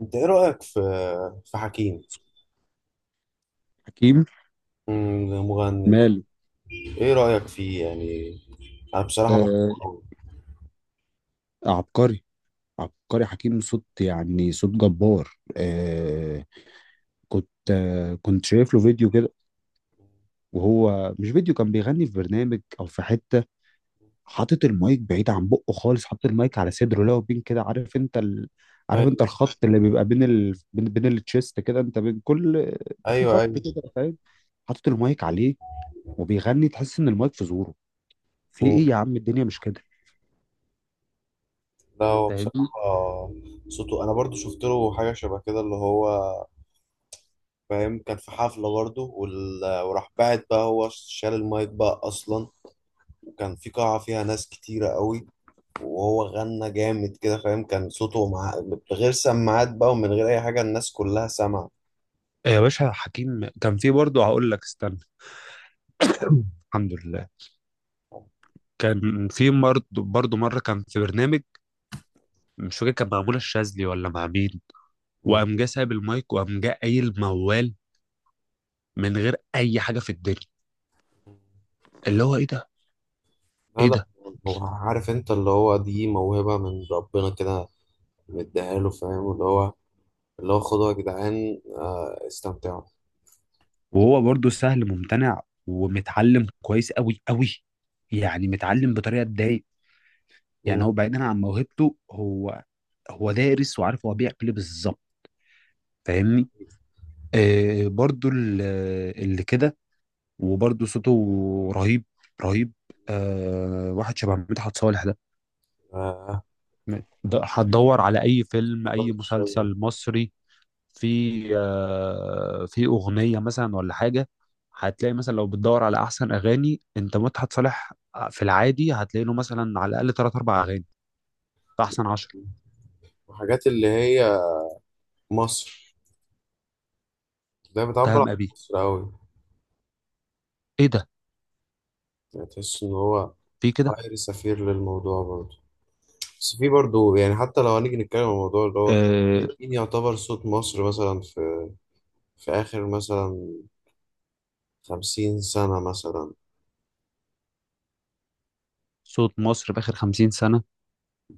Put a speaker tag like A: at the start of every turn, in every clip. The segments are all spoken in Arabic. A: انت ايه رأيك في حكيم.
B: حكيم
A: مغني.
B: ماله؟
A: ايه رأيك فيه يعني؟ انا بصراحة بحبه
B: آه،
A: قوي.
B: عبقري. عبقري حكيم، صوت يعني صوت جبار. آه كنت شايف له فيديو كده، وهو مش فيديو، كان بيغني في برنامج او في حته، حاطط المايك بعيد عن بقه خالص، حاطط المايك على صدره، لو بين كده، عارف انت عارف انت
A: ايوه،
B: الخط اللي بيبقى بين بين التشيست كده، انت بين كل، في
A: ايوه، ايوه.
B: خط كده، فاهم؟ حاطط المايك عليه وبيغني، تحس ان المايك في زوره. في
A: مم.
B: ايه يا عم؟ الدنيا مش كده،
A: لا، هو
B: فاهمني؟
A: بصراحة صوته، انا برضو شفت له حاجة شبه كده اللي هو فاهم، كان في حفلة برضو وراح بعد بقى هو شال المايك بقى اصلا، وكان في قاعة فيها ناس كتيرة قوي، وهو غنى جامد كده فاهم، كان صوته بغير سماعات بقى ومن غير اي حاجة الناس كلها سمعت.
B: يا باشا حكيم كان في برضه، هقول لك استنى. الحمد لله. كان في برضه مره كان في برنامج، مش فاكر كان مع منى الشاذلي ولا مع مين، وقام جه سايب المايك وقام جه قايل موال من غير اي حاجه في الدنيا، اللي هو ايه ده؟
A: لا،
B: ايه
A: لا،
B: ده؟
A: هو عارف انت اللي هو دي موهبة من ربنا كده، مديها له فاهم، اللي هو خدوها يا جدعان. آه، استمتعوا.
B: وهو برضه سهل ممتنع ومتعلم كويس قوي قوي، يعني متعلم بطريقه تضايق.
A: مم،
B: يعني هو بعيدا عن موهبته، هو هو دارس وعارف هو بيعمل ايه بالظبط، فاهمني؟ آه، برضه اللي كده. وبرضه صوته رهيب، رهيب. آه واحد شبه مدحت صالح ده،
A: آه،
B: هتدور على اي فيلم
A: بطل
B: اي
A: الشجر.
B: مسلسل مصري، في اغنيه مثلا ولا حاجه، هتلاقي مثلا لو بتدور على احسن اغاني انت مدحت صالح، في العادي هتلاقي له مثلا على الاقل ثلاث اربع اغاني في احسن 10.
A: وحاجات اللي هي مصر، ده بتعبر
B: اتهم
A: عن
B: ابي،
A: مصر أوي.
B: ايه ده؟
A: يعني تحس إن هو
B: في كده.
A: خير سفير للموضوع برضه. بس في برضه يعني حتى لو هنيجي نتكلم عن الموضوع اللي هو
B: آه،
A: مين يعتبر صوت مصر مثلا، في آخر مثلا 50 سنة مثلا،
B: صوت مصر باخر 50 سنه،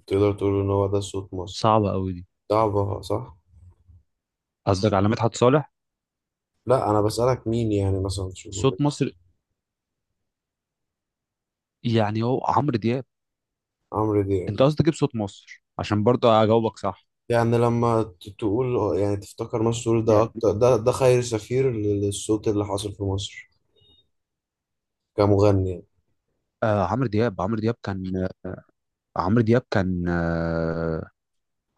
A: تقدر تقول إن هو ده صوت مصر؟
B: صعبه قوي دي.
A: ده عبها صح؟
B: قصدك على مدحت صالح؟
A: لا، انا بسألك مين يعني مثلا تشوفه
B: صوت
A: كده.
B: مصر يعني هو عمرو دياب.
A: عمرو دياب.
B: انت قصدك تجيب صوت مصر عشان برضه اجاوبك صح؟
A: يعني لما تقول، يعني تفتكر مسرور ده
B: يعني
A: اكتر ده خير سفير للصوت اللي حاصل في مصر كمغني يعني؟
B: آه، عمرو دياب عمرو دياب كان عمرو دياب كان آه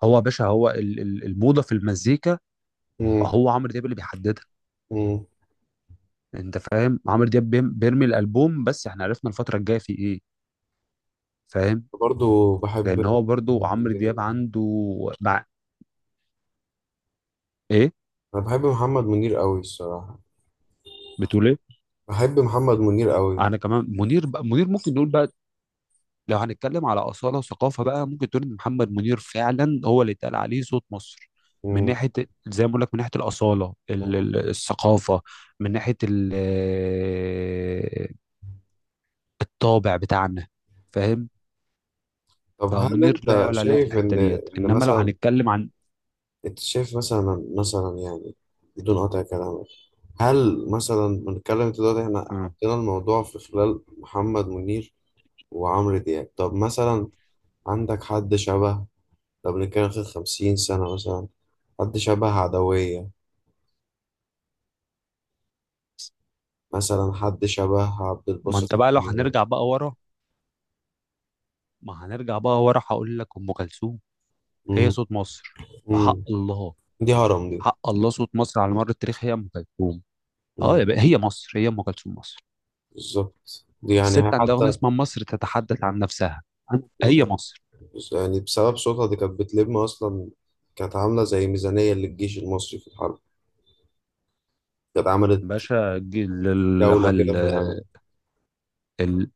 B: هو يا باشا، هو الموضه في المزيكا،
A: امم.
B: هو عمرو دياب اللي بيحددها.
A: امم.
B: انت فاهم، عمرو دياب بيرمي الالبوم، بس احنا عرفنا الفتره الجايه في ايه، فاهم؟
A: برضه بحب
B: لان هو برضه
A: محمد
B: عمرو
A: منير.
B: دياب عنده، مع، ايه؟
A: انا بحب محمد منير قوي الصراحة.
B: بتقول ايه؟
A: بحب محمد منير قوي.
B: انا كمان منير، بقى منير ممكن نقول بقى. لو هنتكلم على أصالة وثقافة بقى، ممكن تقول إن محمد منير فعلا هو اللي اتقال عليه صوت مصر، من
A: امم.
B: ناحية، زي ما بقول لك، من ناحية الأصالة، الثقافة، من ناحية الطابع بتاعنا، فاهم؟
A: طب، هل
B: فمنير لا
A: انت
B: يعلى عليه في
A: شايف
B: الحتة
A: ان
B: ديت،
A: ان
B: إنما لو
A: مثلا
B: هنتكلم عن،
A: انت شايف مثلا يعني بدون قطع كلامك، هل مثلا بنتكلم، انت دلوقتي احنا
B: مم.
A: حطينا الموضوع في خلال محمد منير وعمرو دياب، طب مثلا عندك حد شبه، لو بنتكلم في 50 سنة مثلا، حد شبه عدوية مثلا، حد شبه عبد
B: ما أنت
A: الباسط؟
B: بقى لو
A: مم.
B: هنرجع بقى ورا ما هنرجع بقى ورا، هقول لك أم كلثوم، هي صوت مصر.
A: مم.
B: بحق الله،
A: دي هرم دي.
B: حق الله، صوت مصر على مر التاريخ هي أم كلثوم. اه، يا
A: مم.
B: بقى هي مصر، هي أم كلثوم، مصر.
A: بالظبط، دي يعني هي
B: الست عندها أغنية
A: حتى
B: اسمها مصر تتحدث عن نفسها، هي مصر.
A: يعني بسبب صوتها دي كانت بتلم أصلا، كانت عاملة زي ميزانية للجيش المصري في الحرب، كانت عملت
B: باشا،
A: جولة كده في
B: ال-
A: العالم،
B: ال-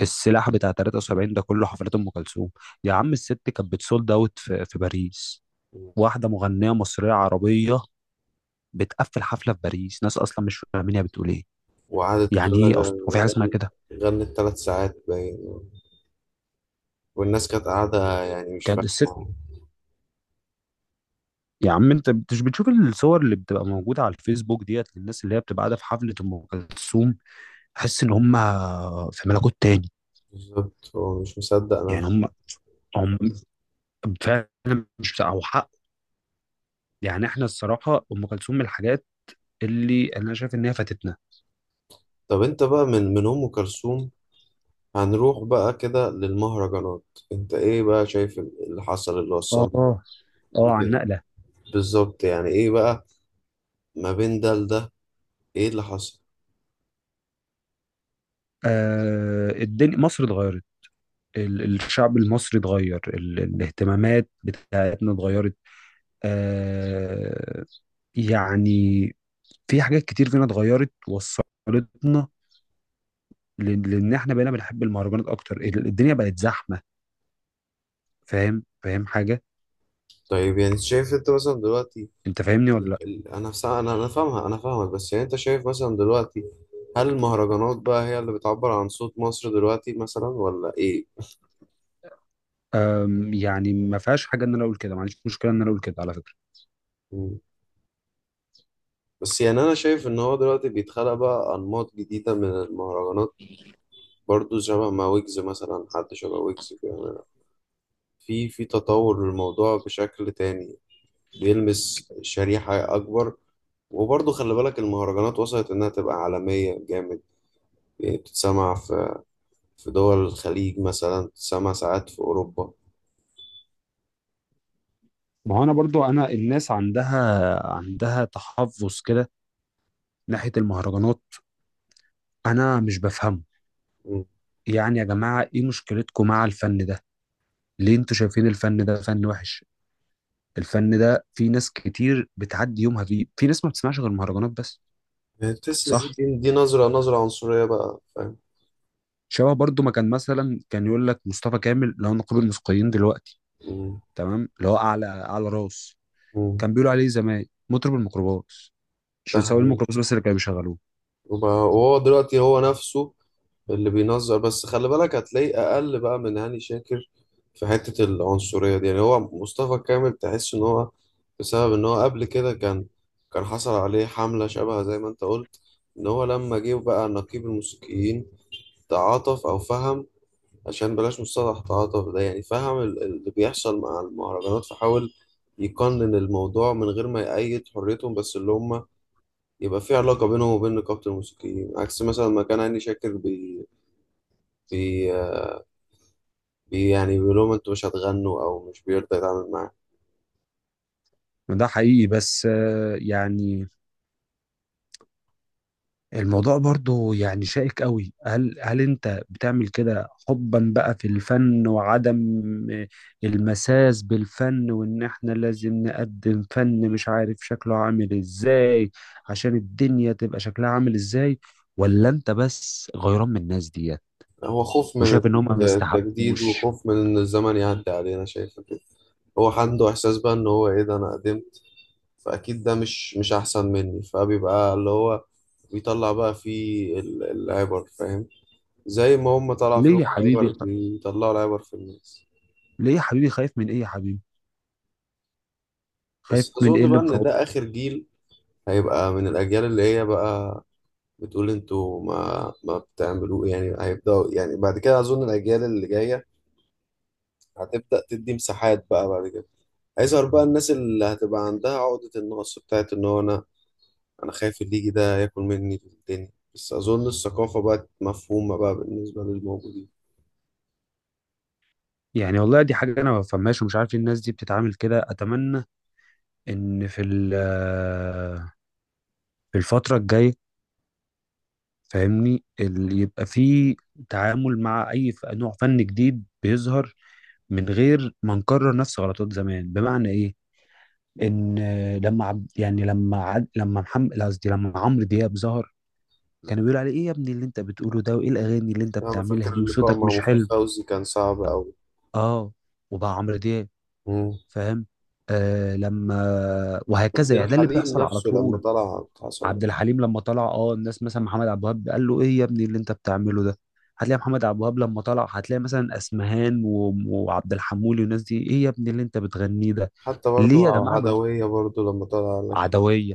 B: السلاح بتاع 73 ده كله حفلات أم كلثوم. يا عم الست كانت بتسولد أوت، في باريس، واحدة مغنية مصرية عربية بتقفل حفلة في باريس، ناس أصلا مش فاهمين هي بتقول إيه،
A: وقعدت
B: يعني
A: تقول لك
B: إيه أصلا، هو في حاجة اسمها
A: غن-
B: كده؟
A: غنت 3 ساعات باين، والناس كانت قاعدة يعني مش
B: كانت الست،
A: فاهمة،
B: يا عم انت مش بتشوف الصور اللي بتبقى موجوده على الفيسبوك ديت، للناس اللي هي بتبقى قاعده في حفله ام كلثوم؟ تحس ان هم في ملكوت تاني،
A: بالظبط هو مش مصدق
B: يعني
A: نفسه.
B: هم فعلا مش بتاع او حق. يعني احنا الصراحه ام كلثوم من الحاجات اللي انا شايف ان هي فاتتنا.
A: طب انت بقى من أم كلثوم هنروح بقى كده للمهرجانات، انت ايه بقى شايف اللي حصل اللي وصلنا
B: اه. اه، عن
A: كده
B: نقله.
A: بالظبط؟ يعني ايه بقى ما بين ده لده؟ ايه اللي حصل؟
B: آه، الدنيا مصر اتغيرت، الشعب المصري اتغير، الاهتمامات بتاعتنا اتغيرت. آه، يعني في حاجات كتير فينا اتغيرت وصلتنا، لان احنا بقينا بنحب المهرجانات اكتر، الدنيا بقت زحمه، فاهم؟ فاهم حاجه؟
A: طيب، يعني شايف انت مثلا دلوقتي،
B: انت فاهمني ولا لا؟
A: انا فاهمها، انا فاهمك، بس يعني انت شايف مثلا دلوقتي هل المهرجانات بقى هي اللي بتعبر عن صوت مصر دلوقتي مثلا، ولا ايه؟
B: يعني ما فيهاش حاجه ان انا اقول كده، ما عنديش مشكله ان انا اقول كده على فكره.
A: مم. بس يعني انا شايف ان هو دلوقتي بيتخلق بقى انماط جديدة من المهرجانات، برضو شبه ما ويجز، مثلا حد شبه ويجز بيعمل في تطور للموضوع بشكل تاني، بيلمس شريحة اكبر، وبرضه خلي بالك المهرجانات وصلت إنها تبقى عالمية جامد، يعني بتتسمع في دول الخليج مثلا، بتتسمع ساعات في أوروبا.
B: ما هو انا برضو، انا الناس عندها تحفظ كده ناحية المهرجانات، انا مش بفهمه. يعني يا جماعة ايه مشكلتكم مع الفن ده؟ ليه انتوا شايفين الفن ده فن وحش؟ الفن ده في ناس كتير بتعدي يومها فيه، في ناس ما بتسمعش غير مهرجانات بس.
A: تحس ان في
B: صح،
A: دي نظره عنصريه بقى، فاهم.
B: شبه برضو ما كان مثلا، كان يقول لك مصطفى كامل اللي هو نقيب الموسيقيين دلوقتي،
A: مم.
B: تمام؟ اللي هو اعلى اعلى راس،
A: مم.
B: كان بيقولوا عليه زمان مطرب الميكروباص، عشان
A: ده
B: سواق
A: حقيقي.
B: الميكروباص بس اللي كانوا بيشغلوه.
A: وبقى- وهو دلوقتي هو نفسه اللي بينظر، بس خلي بالك هتلاقيه اقل بقى من هاني شاكر في حته العنصريه دي، يعني هو مصطفى كامل تحس ان هو بسبب ان هو قبل كده كان حصل عليه حمله شبه زي ما انت قلت، ان هو لما جه بقى نقيب الموسيقيين تعاطف او فهم، عشان بلاش مصطلح تعاطف ده، يعني فهم اللي بيحصل مع المهرجانات، فحاول يقنن الموضوع من غير ما يأيد حريتهم، بس اللي هم يبقى في علاقة بينهم وبين نقابة الموسيقيين، عكس مثلا ما كان هاني شاكر بي, بي, بي يعني بيقول لهم انتوا مش هتغنوا او مش بيرضى يتعامل معاه.
B: ده حقيقي، بس آه، يعني الموضوع برضو يعني شائك قوي. هل انت بتعمل كده حبا بقى في الفن وعدم المساس بالفن، وان احنا لازم نقدم فن مش عارف شكله عامل ازاي، عشان الدنيا تبقى شكلها عامل ازاي؟ ولا انت بس غيران من الناس ديت
A: هو خوف من
B: وشايف ان هم ما
A: التجديد
B: يستحقوش؟
A: وخوف من ان الزمن يعدي علينا، شايفه كده، هو عنده احساس بقى ان هو ايه ده، انا قدمت فاكيد، ده مش احسن مني، فبيبقى اللي هو بيطلع بقى فيه العبر فاهم، زي ما هم طلع
B: ليه
A: فيهم
B: يا
A: العبر
B: حبيبي،
A: بيطلعوا العبر في الناس.
B: ليه يا حبيبي، خايف من ايه يا حبيبي؟
A: بس
B: خايف من ايه؟
A: اظن
B: اللي
A: بقى ان
B: مخوف،
A: ده اخر جيل هيبقى من الاجيال اللي هي بقى بتقول انتوا ما بتعملوه يعني هيبداوا يعني بعد كده، اظن الاجيال اللي جايه هتبدا تدي مساحات بقى بعد كده، هيظهر بقى الناس اللي هتبقى عندها عقدة النقص بتاعت ان هو انا خايف الليجي ده ياكل مني الدنيا، بس اظن الثقافه بقت مفهومه بقى بالنسبه للموجودين.
B: يعني والله دي حاجة أنا ما بفهمهاش ومش عارف إيه الناس دي بتتعامل كده. أتمنى ان في في الفتره الجايه، فاهمني، يبقى في تعامل مع اي نوع فن جديد بيظهر، من غير ما نكرر نفس غلطات زمان. بمعنى ايه؟ ان لما عب يعني لما عد لما محمد قصدي لما عمرو دياب ظهر، كانوا بيقولوا عليه ايه يا ابني اللي انت بتقوله ده، وايه الاغاني اللي انت
A: يعني انا
B: بتعملها
A: فاكر
B: دي،
A: اللقاء
B: وصوتك
A: مع
B: مش
A: مفيد
B: حلو.
A: فوزي كان صعب قوي.
B: اه، وبقى عمرو دياب،
A: مم.
B: فاهم؟ آه لما،
A: عبد
B: وهكذا، يعني ده اللي
A: الحليم
B: بيحصل على
A: نفسه لما
B: طول.
A: طلع حصل له.
B: عبد الحليم لما طلع، اه، الناس مثلا محمد عبد الوهاب قال له ايه يا ابني اللي انت بتعمله ده، هتلاقي محمد عبد الوهاب لما طلع، هتلاقي مثلا اسمهان وعبد الحمولي والناس دي، ايه يا ابني اللي انت بتغنيه ده؟
A: حتى
B: ليه
A: برضو
B: يا جماعه،
A: عدوية برضو لما طلع قال لك.
B: عدويه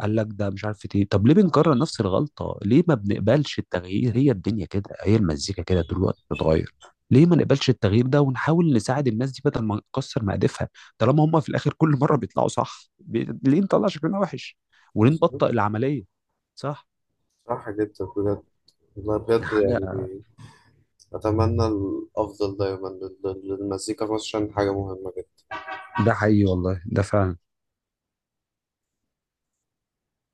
B: قال لك ده مش عارف ايه، طب ليه بنكرر نفس الغلطه؟ ليه ما بنقبلش التغيير؟ هي الدنيا كده، هي المزيكا كده، طول الوقت بتتغير. ليه ما نقبلش التغيير ده ونحاول نساعد الناس دي، بدل ما نكسر مقادفها؟ طالما هم في الاخر كل مره بيطلعوا صح ليه نطلع شكلنا وحش؟ وليه نبطئ العمليه؟ صح؟
A: صح جدا بجد، والله بجد
B: حاجة،
A: يعني، أتمنى الأفضل دايما للمزيكا في مصر عشان حاجة مهمة جدا.
B: ده حقيقي، والله ده فعلا